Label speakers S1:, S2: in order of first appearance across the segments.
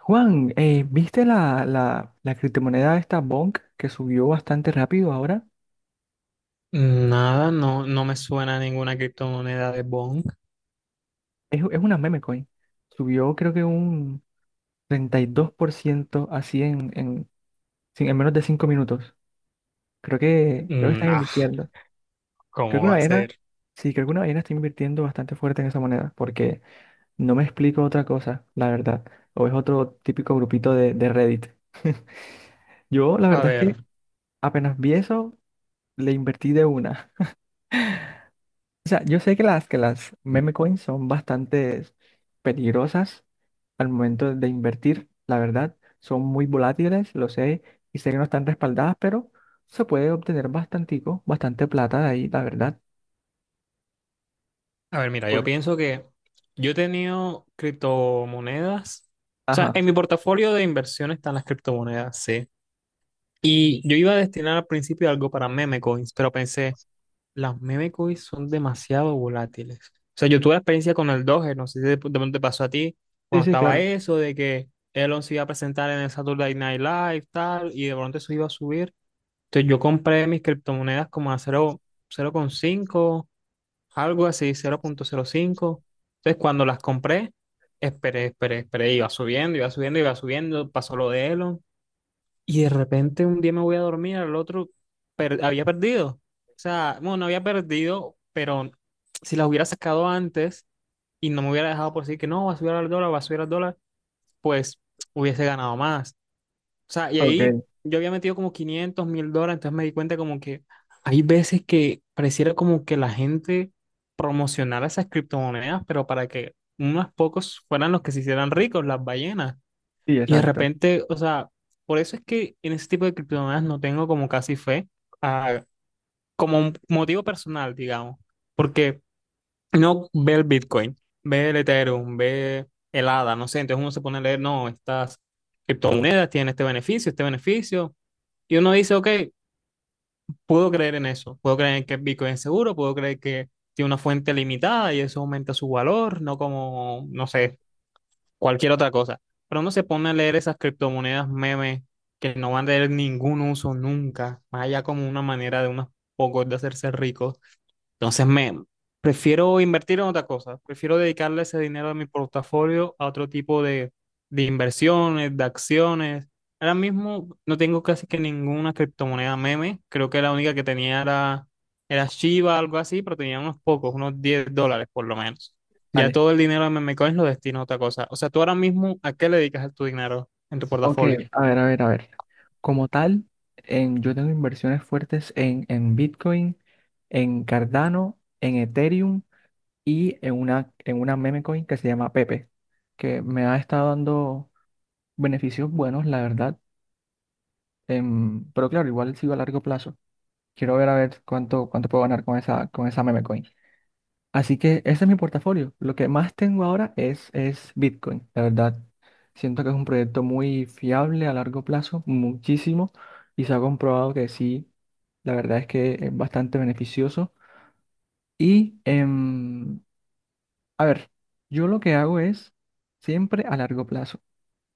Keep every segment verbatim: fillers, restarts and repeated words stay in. S1: Juan, eh, ¿viste la, la, la criptomoneda esta Bonk que subió bastante rápido ahora?
S2: Nada, no, no me suena ninguna criptomoneda de Bong.
S1: Es, es una meme coin. Subió creo que un treinta y dos por ciento así en, en, sí, en menos de cinco minutos. Creo que, creo que están
S2: Nah,
S1: invirtiendo. Creo
S2: ¿cómo
S1: que
S2: va
S1: una
S2: a
S1: ballena,
S2: ser?
S1: sí, creo que una ballena está invirtiendo bastante fuerte en esa moneda, porque no me explico otra cosa, la verdad. O es otro típico grupito de, de Reddit. Yo, la
S2: A
S1: verdad es
S2: ver,
S1: que apenas vi eso, le invertí de una. O sea, yo sé que las, que las meme coins son bastante peligrosas al momento de invertir, la verdad. Son muy volátiles, lo sé, y sé que no están respaldadas, pero se puede obtener bastantico, bastante plata de ahí, la verdad.
S2: a ver, mira, yo
S1: Por.
S2: pienso que yo he tenido criptomonedas. O sea,
S1: Ajá.
S2: en mi portafolio de inversión están las criptomonedas, sí. Y yo iba a destinar al principio algo para meme coins, pero pensé, las meme coins son demasiado volátiles. O sea, yo tuve la experiencia con el Doge, no sé si de de pronto te pasó a ti,
S1: Sí,
S2: cuando
S1: sí,
S2: estaba
S1: claro.
S2: eso de que Elon se iba a presentar en el Saturday Night Live, tal, y de pronto eso iba a subir. Entonces yo compré mis criptomonedas como a cero, cero coma cinco, algo así, cero punto cero cinco. Entonces cuando las compré, esperé, esperé, esperé, iba subiendo, iba subiendo, iba subiendo, pasó lo de Elon. Y de repente un día me voy a dormir, al otro per- había perdido. O sea, bueno, no había perdido, pero si las hubiera sacado antes y no me hubiera dejado por decir que no, va a subir al dólar, va a subir al dólar, pues hubiese ganado más. O sea, y
S1: Ok,
S2: ahí yo había metido como quinientos mil dólares, entonces me di cuenta como que hay veces que pareciera como que la gente promocionara esas criptomonedas, pero para que unos pocos fueran los que se hicieran ricos, las ballenas.
S1: sí,
S2: Y de
S1: exacto.
S2: repente, o sea, por eso es que en ese tipo de criptomonedas no tengo como casi fe, ah, como un motivo personal, digamos, porque no ve el Bitcoin, ve el Ethereum, ve el A D A, no sé, entonces uno se pone a leer, no, estas criptomonedas tienen este beneficio, este beneficio y uno dice, ok, puedo creer en eso, puedo creer en que el Bitcoin es seguro, puedo creer que tiene una fuente limitada y eso aumenta su valor, no como, no sé, cualquier otra cosa. Pero uno se pone a leer esas criptomonedas memes que no van a tener ningún uso nunca, más allá como una manera de unos pocos de hacerse ricos. Entonces me prefiero invertir en otra cosa, prefiero dedicarle ese dinero de mi portafolio a otro tipo de, de, inversiones, de acciones. Ahora mismo no tengo casi que ninguna criptomoneda meme, creo que la única que tenía era, era Shiba, algo así, pero tenía unos pocos, unos diez dólares por lo menos. Ya
S1: Vale.
S2: todo el dinero de memecoins lo destino a otra cosa. O sea, tú ahora mismo, ¿a qué le dedicas tu dinero en tu
S1: Ok,
S2: portafolio?
S1: a ver, a ver, a ver. Como tal, en, yo tengo inversiones fuertes en, en Bitcoin, en Cardano, en Ethereum. Y en una, en una meme coin que se llama Pepe, que me ha estado dando beneficios buenos, la verdad. em, pero claro, igual sigo a largo plazo. Quiero ver a ver cuánto, cuánto puedo ganar con esa, con esa meme coin. Así que ese es mi portafolio. Lo que más tengo ahora es, es Bitcoin, la verdad. Siento que es un proyecto muy fiable a largo plazo, muchísimo, y se ha comprobado que sí, la verdad es que es bastante beneficioso. Y em, A ver, yo lo que hago es siempre a largo plazo.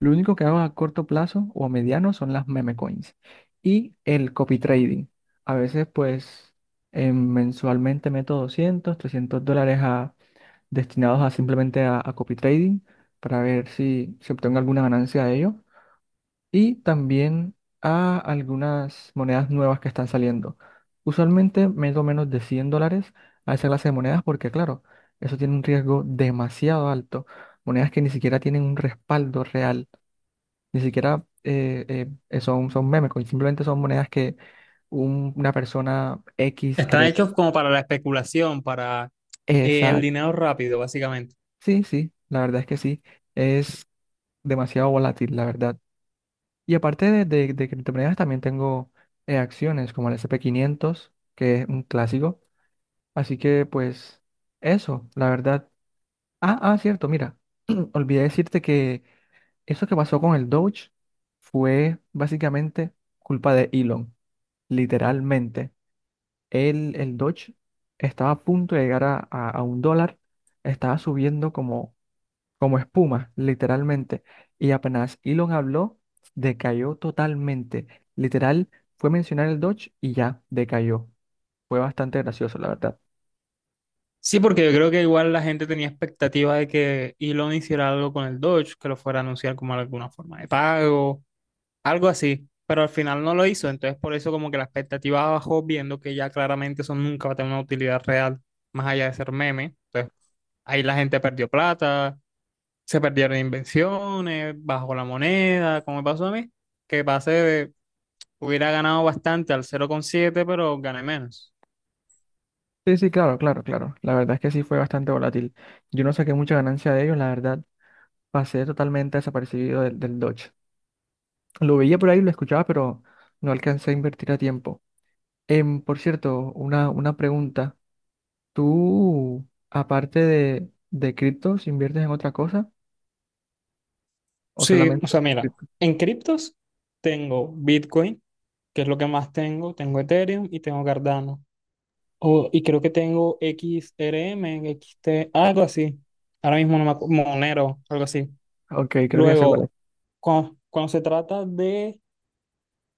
S1: Lo único que hago a corto plazo o a mediano son las meme coins y el copy trading. A veces, pues, eh, mensualmente meto doscientos, trescientos dólares a- destinados a simplemente a, a copy trading, para ver si se obtengo alguna ganancia de ello, y también a algunas monedas nuevas que están saliendo. Usualmente meto menos de cien dólares a esa clase de monedas, porque claro, eso tiene un riesgo demasiado alto. Monedas que ni siquiera tienen un respaldo real, ni siquiera eh, eh, eh, son, son meme coins, simplemente son monedas que un- una persona X
S2: Están
S1: creo.
S2: hechos como para la especulación, para eh, el
S1: Esa,
S2: dinero rápido, básicamente.
S1: sí, sí, la verdad es que sí, es demasiado volátil, la verdad. Y aparte de, de, de criptomonedas, también tengo eh, acciones como el ese pe quinientos, que es un clásico. Así que, pues, eso, la verdad. Ah, ah, cierto, mira, olvidé decirte que eso que pasó con el Doge fue básicamente culpa de Elon, literalmente. El, el Doge estaba a punto de llegar a, a, a un dólar, estaba subiendo como como espuma, literalmente. Y apenas Elon habló, decayó totalmente. Literal, fue mencionar el Dodge y ya decayó. Fue bastante gracioso, la verdad.
S2: Sí, porque yo creo que igual la gente tenía expectativa de que Elon hiciera algo con el Doge, que lo fuera a anunciar como alguna forma de pago, algo así, pero al final no lo hizo, entonces por eso como que la expectativa bajó viendo que ya claramente eso nunca va a tener una utilidad real más allá de ser meme, entonces ahí la gente perdió plata, se perdieron invenciones, bajó la moneda, como me pasó a mí, que pasé de, hubiera ganado bastante al cero coma siete, pero gané menos.
S1: Sí, sí, claro, claro, claro. La verdad es que sí fue bastante volátil. Yo no saqué mucha ganancia de ellos, la verdad. Pasé totalmente desapercibido del, del Dodge. Lo veía por ahí, lo escuchaba, pero no alcancé a invertir a tiempo. Em, por cierto, una, una pregunta. ¿Tú, aparte de, de criptos, inviertes en otra cosa? ¿O
S2: Sí, o
S1: solamente
S2: sea,
S1: en
S2: mira,
S1: cripto?
S2: en criptos tengo Bitcoin, que es lo que más tengo, tengo Ethereum y tengo Cardano. O- y creo que tengo X R M, X T, algo así. Ahora mismo no me acu- Monero, algo así.
S1: Ok, creo que ya sé cuál
S2: Luego,
S1: es.
S2: cuando, cuando se trata de,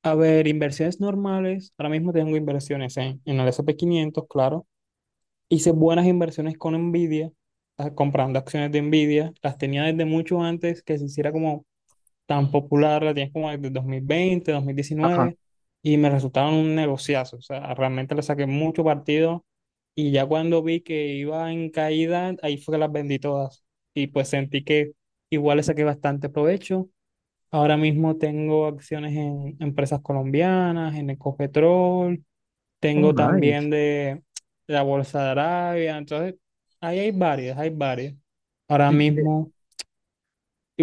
S2: a ver, inversiones normales, ahora mismo tengo inversiones en, en el S and P quinientos, claro. Hice buenas inversiones con Nvidia, ah, comprando acciones de Nvidia. Las tenía desde mucho antes que se hiciera como tan popular, la tienes como desde dos mil veinte, dos mil
S1: Ajá.
S2: diecinueve y me resultaron un negociazo. O sea, realmente le saqué mucho partido y ya cuando vi que iba en caída, ahí fue que las vendí todas. Y pues sentí que igual le saqué bastante provecho. Ahora mismo tengo acciones en empresas colombianas, en Ecopetrol,
S1: Oh,
S2: tengo
S1: nice.
S2: también de la Bolsa de Arabia, entonces ahí hay varias, hay varias. Ahora
S1: Sí, de,
S2: mismo...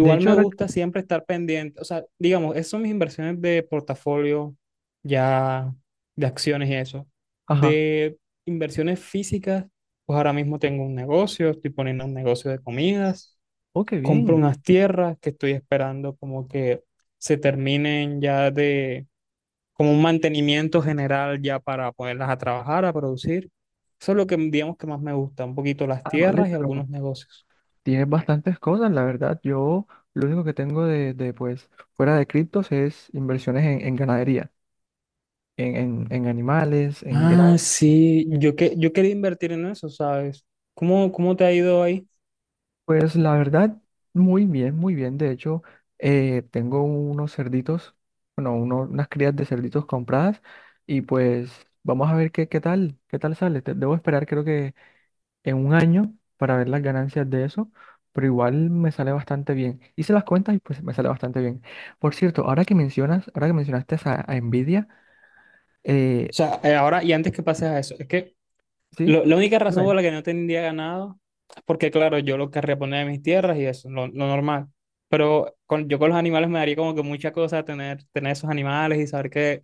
S1: de hecho
S2: me
S1: ahora,
S2: gusta siempre estar pendiente, o sea, digamos, esas son mis inversiones de portafolio, ya de acciones y eso.
S1: ajá.
S2: De inversiones físicas, pues ahora mismo tengo un negocio, estoy poniendo un negocio de comidas,
S1: Oh, qué
S2: compro
S1: bien.
S2: unas tierras que estoy esperando como que se terminen ya de, como un mantenimiento general ya para ponerlas a trabajar, a producir. Eso es lo que digamos que más me gusta, un poquito las
S1: Ah, vale,
S2: tierras y
S1: pero
S2: algunos negocios.
S1: tienes bastantes cosas, la verdad. Yo lo único que tengo de, de pues, fuera de criptos es inversiones en, en ganadería, en, en, en animales, en gran.
S2: Ah, sí, yo, que, yo quería invertir en eso, ¿sabes? ¿Cómo, cómo te ha ido ahí?
S1: Pues la verdad, muy bien, muy bien. De hecho, eh, tengo unos cerditos, bueno, uno- unas crías de cerditos compradas, y pues vamos a ver qué, qué tal, qué tal sale. Te- debo esperar, creo que en un año para ver las ganancias de eso, pero igual me sale bastante bien. Hice las cuentas y pues me sale bastante bien. Por cierto, ahora que mencionas, ahora que mencionaste a, a Nvidia.
S2: O
S1: eh,
S2: sea, eh, ahora y antes que pases a eso, es que
S1: ¿sí?
S2: lo- la única razón por
S1: Dime.
S2: la que no tendría ganado es porque, claro, yo lo querría poner en mis tierras y eso, lo, lo normal. Pero con, yo con los animales me daría como que mucha cosa tener, tener esos animales y saber que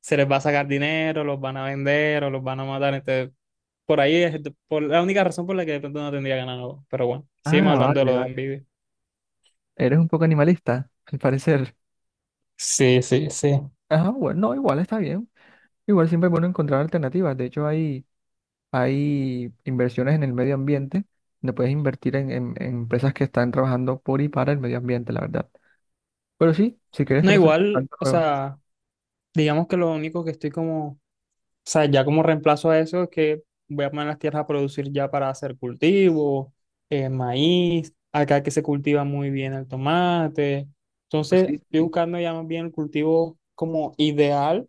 S2: se les va a sacar dinero, los van a vender o los van a matar. Entonces, por ahí es de- por la única razón por la que de pronto no tendría ganado. Pero bueno, sigamos
S1: Ah,
S2: hablando de
S1: vale,
S2: lo de
S1: vale.
S2: envidia.
S1: Eres un poco animalista, al parecer.
S2: Sí, sí, sí.
S1: Ajá, bueno, no, igual está bien. Igual siempre es bueno encontrar alternativas. De hecho, hay, hay inversiones en el medio ambiente donde puedes invertir en, en- en empresas que están trabajando por y para el medio ambiente, la verdad. Pero sí, si quieres
S2: No,
S1: te paso el
S2: igual,
S1: contacto
S2: o
S1: luego.
S2: sea, digamos que lo único que estoy como, o sea, ya como reemplazo a eso es que voy a poner las tierras a producir ya para hacer cultivo, eh, maíz, acá que se cultiva muy bien el tomate.
S1: Pues
S2: Entonces,
S1: sí,
S2: estoy
S1: sí.
S2: buscando ya más bien el cultivo como ideal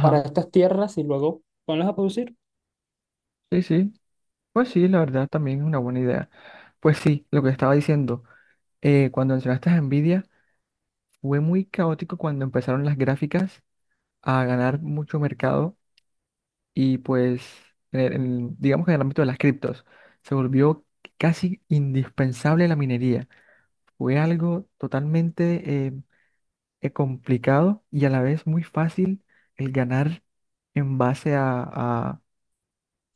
S2: para estas tierras y luego ponerlas a producir.
S1: Sí, sí, pues sí, la verdad también es una buena idea. Pues sí, lo que estaba diciendo, eh, cuando mencionaste a Nvidia, fue muy caótico cuando empezaron las gráficas a ganar mucho mercado, y pues, en el- en- digamos que en el ámbito de las criptos, se volvió casi indispensable la minería. Fue algo totalmente eh, eh, complicado y a la vez muy fácil el ganar en base a, a,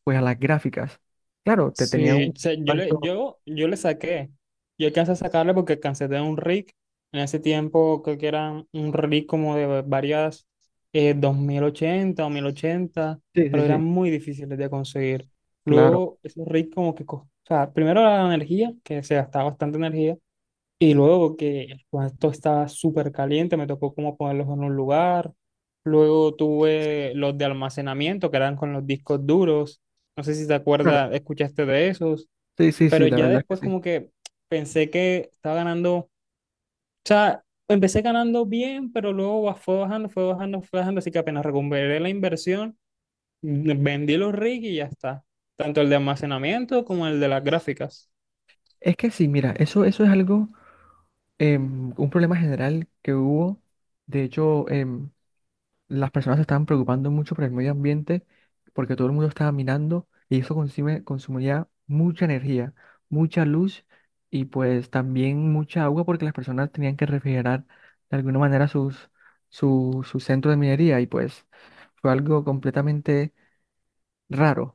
S1: pues, a las gráficas. Claro, te tenía un
S2: Sí, o sea, yo le,
S1: impacto.
S2: yo, yo le saqué. Yo alcancé a sacarle porque cansé de un rig. En ese tiempo creo que era un rig como de varias eh, dos mil ochenta o mil ochenta,
S1: Sí,
S2: pero
S1: sí, sí,
S2: eran muy difíciles de conseguir.
S1: claro.
S2: Luego, esos rigs como que, co- o sea, primero la energía, que se gastaba bastante energía, y luego que el cuarto estaba súper caliente, me tocó como ponerlos en un lugar. Luego
S1: Sí,
S2: tuve los de almacenamiento, que eran con los discos duros. No sé si te
S1: claro.
S2: acuerdas, escuchaste de esos.
S1: Sí, sí,
S2: Pero
S1: sí, la
S2: ya
S1: verdad
S2: después
S1: es que sí.
S2: como que pensé que estaba ganando. O sea, empecé ganando bien, pero luego ba- fue bajando, fue bajando, fue bajando. Así que apenas recuperé la inversión, mm, vendí los rigs y ya está. Tanto el de almacenamiento como el de las gráficas.
S1: Es que sí, mira, eso, eso es algo, em, un problema general que hubo. De hecho, em, las personas se estaban preocupando mucho por el medio ambiente, porque todo el mundo estaba minando y eso consume, consumía mucha energía, mucha luz, y pues también mucha agua, porque las personas tenían que refrigerar de alguna manera sus, su, su centro de minería, y pues fue algo completamente raro,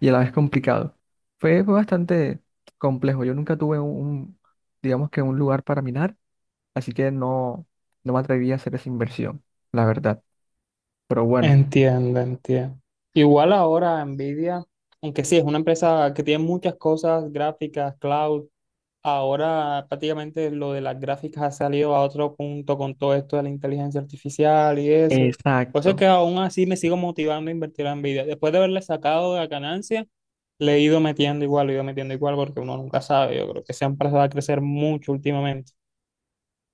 S1: y a la vez complicado. Fue, fue bastante complejo. Yo nunca tuve un, un, digamos que un lugar para minar, así que no, no me atreví a hacer esa inversión, la verdad. Pero bueno,
S2: Entiendo, entiendo. Igual ahora Nvidia, aunque sí es una empresa que tiene muchas cosas, gráficas, cloud, ahora prácticamente lo de las gráficas ha salido a otro punto con todo esto de la inteligencia artificial y eso. Por eso es que
S1: exacto.
S2: aún así me sigo motivando a invertir en Nvidia. Después de haberle sacado la ganancia, le he ido metiendo igual, le he ido metiendo igual porque uno nunca sabe. Yo creo que esa empresa va a crecer mucho últimamente.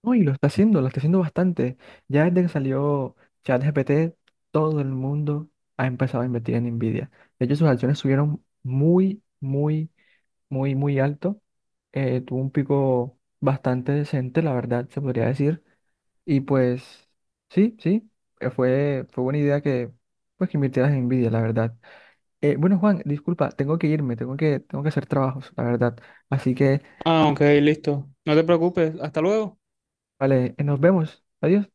S1: No, y lo está haciendo, lo está haciendo bastante. Ya desde que salió ChatGPT, todo el mundo ha empezado a invertir en Nvidia. De hecho, sus acciones subieron muy, muy, muy, muy alto. Eh, tuvo un pico bastante decente, la verdad, se podría decir. Y pues, sí, sí, eh, fue, fue buena idea que, pues, que invirtieras en Nvidia, la verdad. Eh, bueno, Juan, disculpa, tengo que irme, tengo que, tengo que hacer trabajos, la verdad. Así que,
S2: Ah, ok, listo. No te preocupes. Hasta luego.
S1: vale, eh, nos vemos. Adiós.